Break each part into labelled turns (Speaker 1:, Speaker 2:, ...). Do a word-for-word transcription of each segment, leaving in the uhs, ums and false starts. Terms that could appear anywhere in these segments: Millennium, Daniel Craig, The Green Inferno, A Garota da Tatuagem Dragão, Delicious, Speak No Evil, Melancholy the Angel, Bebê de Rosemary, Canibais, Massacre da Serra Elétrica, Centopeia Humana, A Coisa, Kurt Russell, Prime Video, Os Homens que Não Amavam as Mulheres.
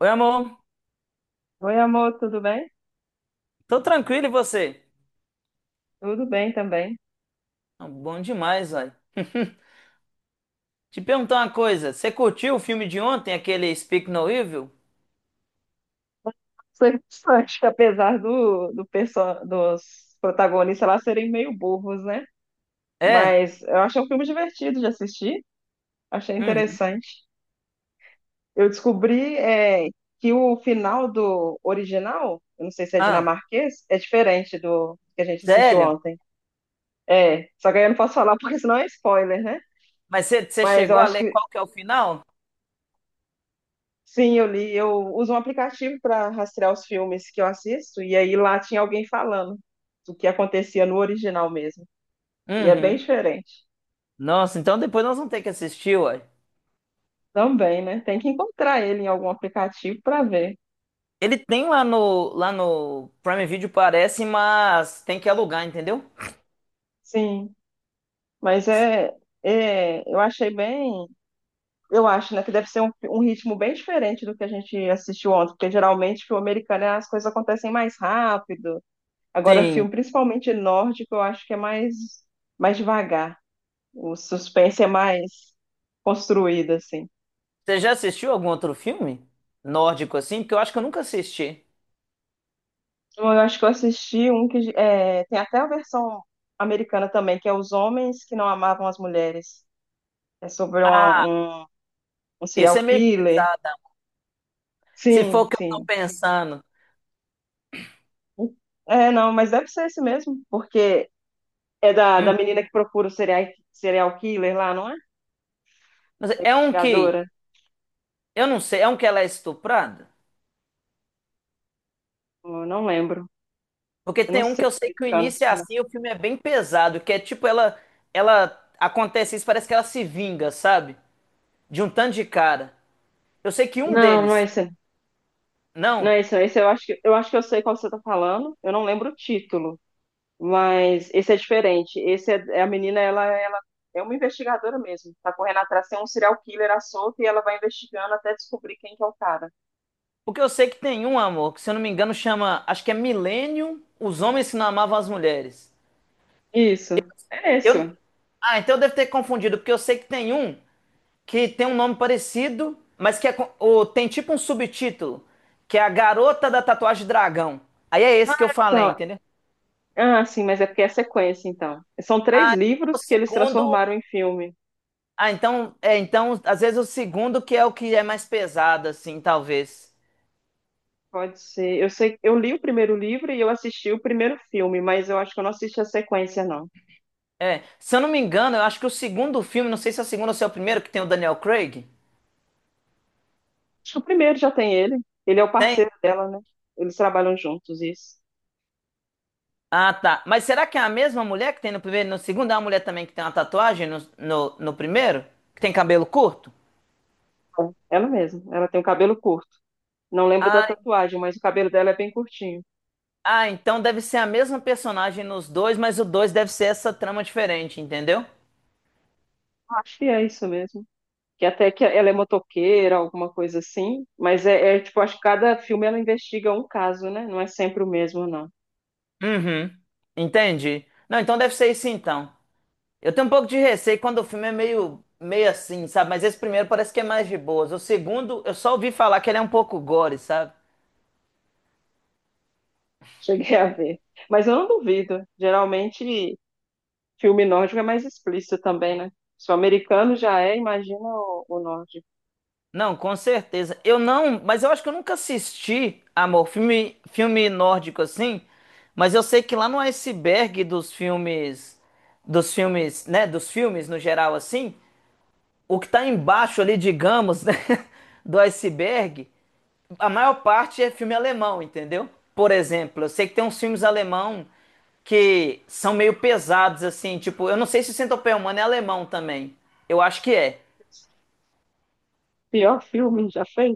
Speaker 1: Oi, amor.
Speaker 2: Oi, amor, tudo bem?
Speaker 1: Tô tranquilo e você?
Speaker 2: Tudo bem também.
Speaker 1: Ah, bom demais, velho. Te perguntar uma coisa. Você curtiu o filme de ontem, aquele Speak No Evil?
Speaker 2: Sou Interessante, apesar do, do perso- dos protagonistas lá serem meio burros, né?
Speaker 1: É?
Speaker 2: Mas eu achei um filme divertido de assistir, achei
Speaker 1: Uhum.
Speaker 2: interessante. Eu descobri é, que o final do original, eu não sei se é
Speaker 1: Ah,
Speaker 2: dinamarquês, é diferente do que a gente assistiu
Speaker 1: sério?
Speaker 2: ontem. É, só que aí eu não posso falar porque senão é spoiler, né?
Speaker 1: Mas você você
Speaker 2: Mas eu
Speaker 1: chegou a
Speaker 2: acho
Speaker 1: ler
Speaker 2: que
Speaker 1: qual que é o final?
Speaker 2: sim, eu li. Eu uso um aplicativo para rastrear os filmes que eu assisto, e aí lá tinha alguém falando do que acontecia no original mesmo. E é bem
Speaker 1: Uhum.
Speaker 2: diferente.
Speaker 1: Nossa, então depois nós vamos ter que assistir, uai.
Speaker 2: Também, né? Tem que encontrar ele em algum aplicativo para ver.
Speaker 1: Ele tem lá no, lá no Prime Video, parece, mas tem que alugar, entendeu?
Speaker 2: Sim, mas é, é. Eu achei bem. Eu acho, né, que deve ser um, um ritmo bem diferente do que a gente assistiu ontem, porque geralmente filme americano as coisas acontecem mais rápido. Agora,
Speaker 1: Sim.
Speaker 2: filme, principalmente nórdico, eu acho que é mais, mais devagar. O suspense é mais construída, assim.
Speaker 1: Você já assistiu algum outro filme nórdico assim? Porque eu acho que eu nunca assisti.
Speaker 2: Eu acho que eu assisti um que é, tem até a versão americana também, que é Os Homens que Não Amavam as Mulheres. É sobre uma-
Speaker 1: Ah,
Speaker 2: um, um
Speaker 1: esse
Speaker 2: serial
Speaker 1: é meio
Speaker 2: killer.
Speaker 1: pesado. Se for
Speaker 2: Sim,
Speaker 1: o que eu tô
Speaker 2: sim.
Speaker 1: pensando.
Speaker 2: É, não, mas deve ser esse mesmo, porque é da, da
Speaker 1: Hum.
Speaker 2: menina que procura o serial, serial killer lá, não é?
Speaker 1: Mas
Speaker 2: Da
Speaker 1: é um que.
Speaker 2: investigadora.
Speaker 1: Eu não sei, é um que ela é estuprada?
Speaker 2: Eu não lembro.
Speaker 1: Porque
Speaker 2: Eu não
Speaker 1: tem um
Speaker 2: sei
Speaker 1: que
Speaker 2: se
Speaker 1: eu sei
Speaker 2: é
Speaker 1: que o
Speaker 2: americano
Speaker 1: início é
Speaker 2: tinha isso.
Speaker 1: assim, o filme é bem pesado, que é tipo ela. Ela. Acontece isso, parece que ela se vinga, sabe? De um tanto de cara. Eu sei que um
Speaker 2: Não, não é
Speaker 1: deles.
Speaker 2: esse. Não
Speaker 1: Não.
Speaker 2: é esse, não. Esse eu acho que eu acho que eu sei qual você está falando. Eu não lembro o título. Mas esse é diferente. Esse é, é a menina, ela, ela é uma investigadora mesmo. Tá correndo atrás, tem um serial killer à solta e ela vai investigando até descobrir quem que é o cara.
Speaker 1: Porque eu sei que tem um, amor, que se eu não me engano chama. Acho que é Millennium, os homens que não amavam as mulheres.
Speaker 2: Isso. É esse.
Speaker 1: Eu.
Speaker 2: Ó.
Speaker 1: Ah, então eu devo ter confundido, porque eu sei que tem um. Que tem um nome parecido, mas que é com- o- tem tipo um subtítulo, que é A Garota da Tatuagem Dragão. Aí é esse que eu
Speaker 2: Ah,
Speaker 1: falei,
Speaker 2: então.
Speaker 1: entendeu?
Speaker 2: Ah, sim, mas é porque é sequência, então. São três
Speaker 1: Ah, então o
Speaker 2: livros que eles
Speaker 1: segundo.
Speaker 2: transformaram em filme.
Speaker 1: Ah, então, é, então, às vezes o segundo que é o que é mais pesado, assim, talvez.
Speaker 2: Pode ser. Eu sei, eu li o primeiro livro e eu assisti o primeiro filme, mas eu acho que eu não assisti a sequência, não.
Speaker 1: É, se eu não me engano, eu acho que o segundo filme, não sei se é o segundo ou se é o primeiro, que tem o Daniel Craig.
Speaker 2: Acho que o primeiro já tem ele. Ele é o
Speaker 1: Tem?
Speaker 2: parceiro dela, né? Eles trabalham juntos, isso.
Speaker 1: Ah, tá. Mas será que é a mesma mulher que tem no primeiro e no segundo? É uma mulher também que tem uma tatuagem no, no, no primeiro? Que tem cabelo curto?
Speaker 2: É, ela mesma. Ela tem o cabelo curto. Não lembro da
Speaker 1: Ah.
Speaker 2: tatuagem, mas o cabelo dela é bem curtinho.
Speaker 1: Ah, então deve ser a mesma personagem nos dois, mas o dois deve ser essa trama diferente, entendeu?
Speaker 2: Acho que é isso mesmo. Que até que ela é motoqueira, alguma coisa assim. Mas é, é, tipo, acho que cada filme ela investiga um caso, né? Não é sempre o mesmo, não.
Speaker 1: Uhum. Entendi. Não, então deve ser isso então. Eu tenho um pouco de receio quando o filme é meio, meio assim, sabe? Mas esse primeiro parece que é mais de boas. O segundo, eu só ouvi falar que ele é um pouco gore, sabe?
Speaker 2: Cheguei a ver. Mas eu não duvido. Geralmente, filme nórdico é mais explícito também, né? Se o americano já é, imagina o, o nórdico.
Speaker 1: Não, com certeza. Eu não, mas eu acho que eu nunca assisti, amor, filme, filme nórdico assim. Mas eu sei que lá no iceberg dos filmes, dos filmes, né? Dos filmes no geral assim. O que está embaixo ali, digamos, né, do iceberg, a maior parte é filme alemão, entendeu? Por exemplo, eu sei que tem uns filmes alemão que são meio pesados, assim, tipo, eu não sei se Centopeia Humana é alemão também. Eu acho que é.
Speaker 2: Pior filme já fez.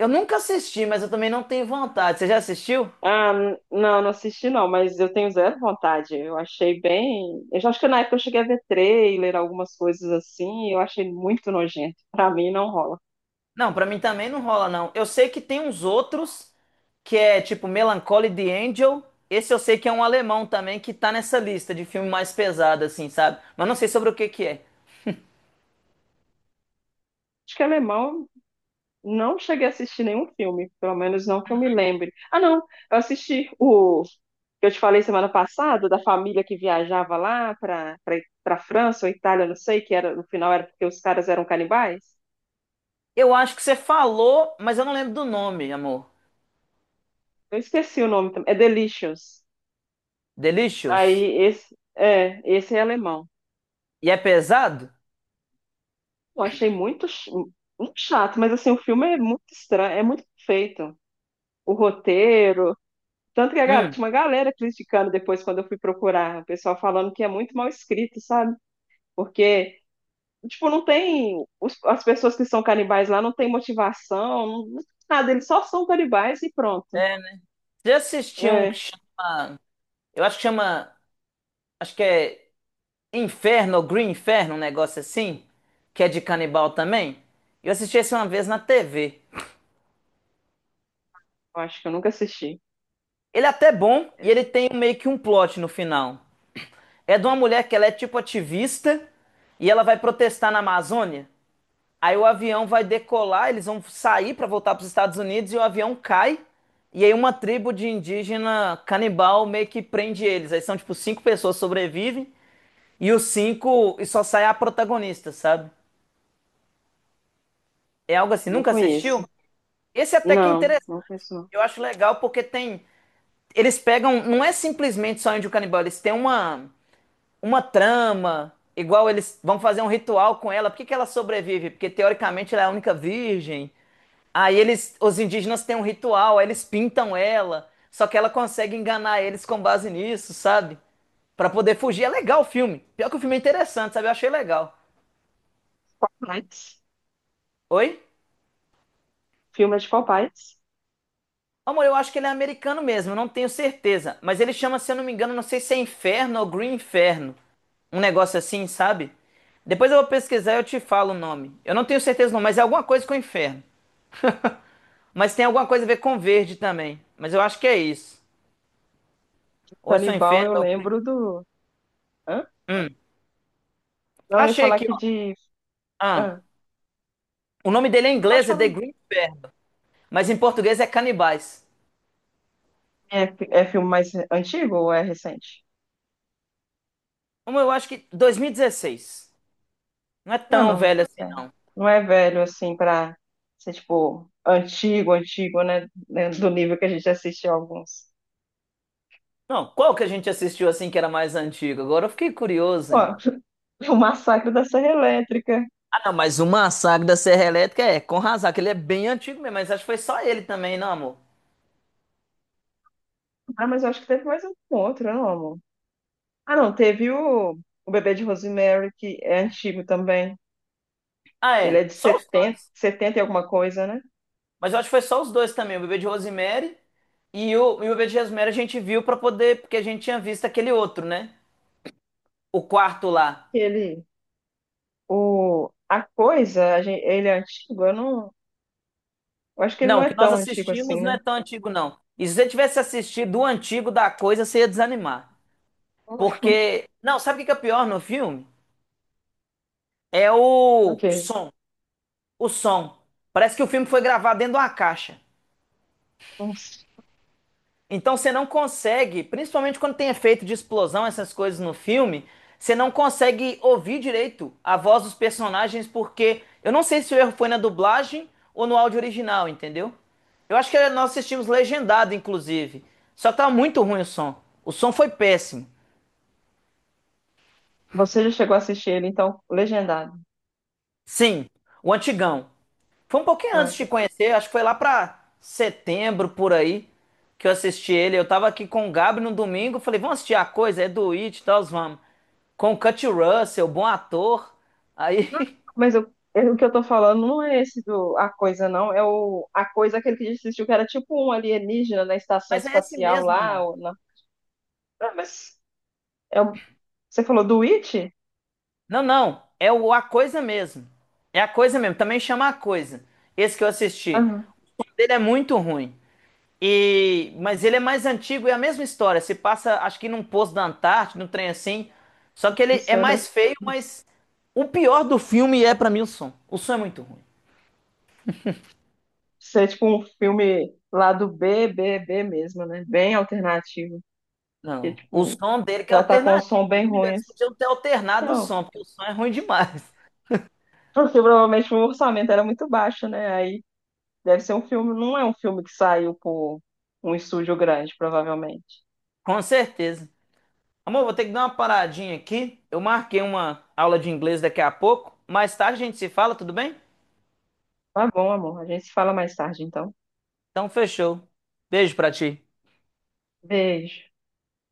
Speaker 1: Eu nunca assisti, mas eu também não tenho vontade. Você já assistiu?
Speaker 2: Ah, n- não, não assisti não, mas eu tenho zero vontade. Eu achei bem. Eu já acho que na época eu cheguei a ver trailer, algumas coisas assim, e eu achei muito nojento. Pra mim não rola.
Speaker 1: Não, pra mim também não rola, não. Eu sei que tem uns outros que é tipo Melancholy the Angel. Esse eu sei que é um alemão também que tá nessa lista de filme mais pesado, assim, sabe? Mas não sei sobre o que que é.
Speaker 2: Acho que alemão eu não cheguei a assistir nenhum filme, pelo menos não que eu me lembre. Ah, não, eu assisti o que eu te falei semana passada, da família que viajava lá pra para para França ou Itália, não sei, que era no final era porque os caras eram canibais.
Speaker 1: Eu acho que você falou, mas eu não lembro do nome, amor.
Speaker 2: Eu esqueci o nome também. É Delicious.
Speaker 1: Delicious.
Speaker 2: Aí esse é, esse é alemão.
Speaker 1: E é pesado?
Speaker 2: Eu achei muito, ch- muito chato, mas assim, o filme é muito estranho, é muito feito. O roteiro. Tanto que a, gal-
Speaker 1: Hum.
Speaker 2: tinha uma galera criticando depois quando eu fui procurar, o pessoal falando que é muito mal escrito, sabe? Porque, tipo, não tem. Os- as pessoas que são canibais lá não tem motivação, não, não tem nada, eles só são canibais e pronto.
Speaker 1: É, né? Você assistiu um que
Speaker 2: É,
Speaker 1: chama. Eu acho que chama. Acho que é Inferno ou Green Inferno, um negócio assim. Que é de canibal também. Eu assisti esse uma vez na T V.
Speaker 2: eu acho que eu nunca assisti.
Speaker 1: Ele é até bom e
Speaker 2: Esse
Speaker 1: ele tem meio que um plot no final. É de uma mulher que ela é tipo ativista e ela vai protestar na Amazônia. Aí o avião vai decolar, eles vão sair para voltar para os Estados Unidos e o avião cai. E aí uma tribo de indígena canibal meio que prende eles. Aí são tipo cinco pessoas sobrevivem e os cinco e só sai a protagonista, sabe? É algo
Speaker 2: eu
Speaker 1: assim.
Speaker 2: não
Speaker 1: Nunca assistiu?
Speaker 2: conheço.
Speaker 1: Esse até que é
Speaker 2: Não,
Speaker 1: interessante.
Speaker 2: não conheço não.
Speaker 1: Eu acho legal porque tem eles pegam, não é simplesmente só índio canibal, eles têm uma uma trama, igual eles vão fazer um ritual com ela. Por que que ela sobrevive? Porque teoricamente ela é a única virgem. Aí eles, os indígenas têm um ritual, aí eles pintam ela, só que ela consegue enganar eles com base nisso, sabe? Pra poder fugir. É legal o filme. Pior que o filme é interessante, sabe? Eu achei legal.
Speaker 2: Mas,
Speaker 1: Oi?
Speaker 2: filme é de qual país?
Speaker 1: Amor, eu acho que ele é americano mesmo, eu não tenho certeza. Mas ele chama, se eu não me engano, não sei se é Inferno ou Green Inferno. Um negócio assim, sabe? Depois eu vou pesquisar e eu te falo o nome. Eu não tenho certeza não, mas é alguma coisa com Inferno. Mas tem alguma coisa a ver com verde também. Mas eu acho que é isso. Ou é só
Speaker 2: Canibal,
Speaker 1: Inferno
Speaker 2: eu
Speaker 1: ou
Speaker 2: lembro do. Hã?
Speaker 1: Hum.
Speaker 2: Não, eu ia
Speaker 1: Achei
Speaker 2: falar
Speaker 1: aqui,
Speaker 2: aqui
Speaker 1: ó.
Speaker 2: de.
Speaker 1: Ah.
Speaker 2: Ah,
Speaker 1: O nome dele em
Speaker 2: não pode
Speaker 1: inglês é
Speaker 2: falar.
Speaker 1: The
Speaker 2: um
Speaker 1: Green Inferno, mas em português é Canibais.
Speaker 2: É, é filme mais antigo ou é recente?
Speaker 1: Como eu acho que dois mil e dezesseis. Não é
Speaker 2: Ah,
Speaker 1: tão
Speaker 2: não.
Speaker 1: velho assim,
Speaker 2: É.
Speaker 1: não.
Speaker 2: Não é velho, assim, pra ser, tipo, antigo, antigo, né? né, Do nível que a gente assiste alguns.
Speaker 1: Não, qual que a gente assistiu assim que era mais antigo? Agora eu fiquei curioso,
Speaker 2: Ó,
Speaker 1: hein?
Speaker 2: o Massacre da Serra Elétrica.
Speaker 1: Ah, não, mas o Massacre da Serra Elétrica é com razão, que ele é bem antigo mesmo, mas acho que foi só ele também, não, amor?
Speaker 2: Ah, mas eu acho que teve mais um outro, não, amor? Ah, não, teve o, o Bebê de Rosemary, que é antigo também.
Speaker 1: Ah,
Speaker 2: Ele é
Speaker 1: é,
Speaker 2: de
Speaker 1: só os
Speaker 2: setenta
Speaker 1: dois.
Speaker 2: setenta e alguma coisa, né?
Speaker 1: Mas eu acho que foi só os dois também, o Bebê de Rosemary e o, e o Bebê de Rosemary a gente viu pra poder, porque a gente tinha visto aquele outro, né? O quarto lá.
Speaker 2: Que ele, o, a coisa, a gen- ele é antigo, eu não, eu acho que ele não
Speaker 1: Não, o
Speaker 2: é
Speaker 1: que nós
Speaker 2: tão antigo assim,
Speaker 1: assistimos
Speaker 2: né?
Speaker 1: não é tão antigo, não. E se você tivesse assistido o antigo da coisa, você ia desanimar. Porque. Não, sabe o que que é pior no filme? É o
Speaker 2: Ok.
Speaker 1: som. O som. Parece que o filme foi gravado dentro de uma caixa.
Speaker 2: Nossa.
Speaker 1: Então você não consegue, principalmente quando tem efeito de explosão, essas coisas no filme, você não consegue ouvir direito a voz dos personagens, porque eu não sei se o erro foi na dublagem ou no áudio original, entendeu? Eu acho que nós assistimos legendado, inclusive. Só tá muito ruim o som. O som foi péssimo.
Speaker 2: Você já chegou a assistir ele, então, legendado.
Speaker 1: Sim, o antigão. Foi um pouquinho antes de te
Speaker 2: Pronto.
Speaker 1: conhecer, acho que foi lá pra setembro por aí que eu assisti ele. Eu tava aqui com o Gabi no domingo, falei, vamos assistir a coisa, é do It, e tal, vamos. Com o Kurt Russell, bom ator. Aí,
Speaker 2: Mas eu- eu- o que eu tô falando não é esse do A Coisa, não. É o A Coisa, aquele que a gente assistiu, que era tipo um alienígena na estação
Speaker 1: mas é esse
Speaker 2: espacial
Speaker 1: mesmo,
Speaker 2: lá.
Speaker 1: mano.
Speaker 2: Ou na. Ah, mas é o- você falou do It?
Speaker 1: Não, não, é o A Coisa mesmo. É a coisa mesmo, também chama A Coisa. Esse que eu
Speaker 2: Ah,
Speaker 1: assisti.
Speaker 2: não.
Speaker 1: O som dele é muito ruim. E, mas ele é mais antigo e é a mesma história. Se passa, acho que num posto da Antártida, num trem assim. Só que ele é
Speaker 2: Isso era.
Speaker 1: mais feio, mas o pior do filme é pra mim o som. O som é muito ruim.
Speaker 2: Isso é tipo um filme lá do B, B, B mesmo, né? Bem alternativo. Que,
Speaker 1: Não, o
Speaker 2: tipo,
Speaker 1: som dele que é
Speaker 2: já tá com um som
Speaker 1: alternativo.
Speaker 2: bem
Speaker 1: O melhor,
Speaker 2: ruim,
Speaker 1: eles
Speaker 2: assim.
Speaker 1: podiam ter alternado o
Speaker 2: Não,
Speaker 1: som, porque o som é ruim demais.
Speaker 2: porque provavelmente o orçamento era muito baixo, né? Aí deve ser um filme, não é um filme que saiu por um estúdio grande, provavelmente.
Speaker 1: Com certeza. Amor, vou ter que dar uma paradinha aqui. Eu marquei uma aula de inglês daqui a pouco. Mais tarde a gente se fala, tudo bem?
Speaker 2: Tá bom, amor. A gente se fala mais tarde, então.
Speaker 1: Então fechou. Beijo pra ti.
Speaker 2: Beijo.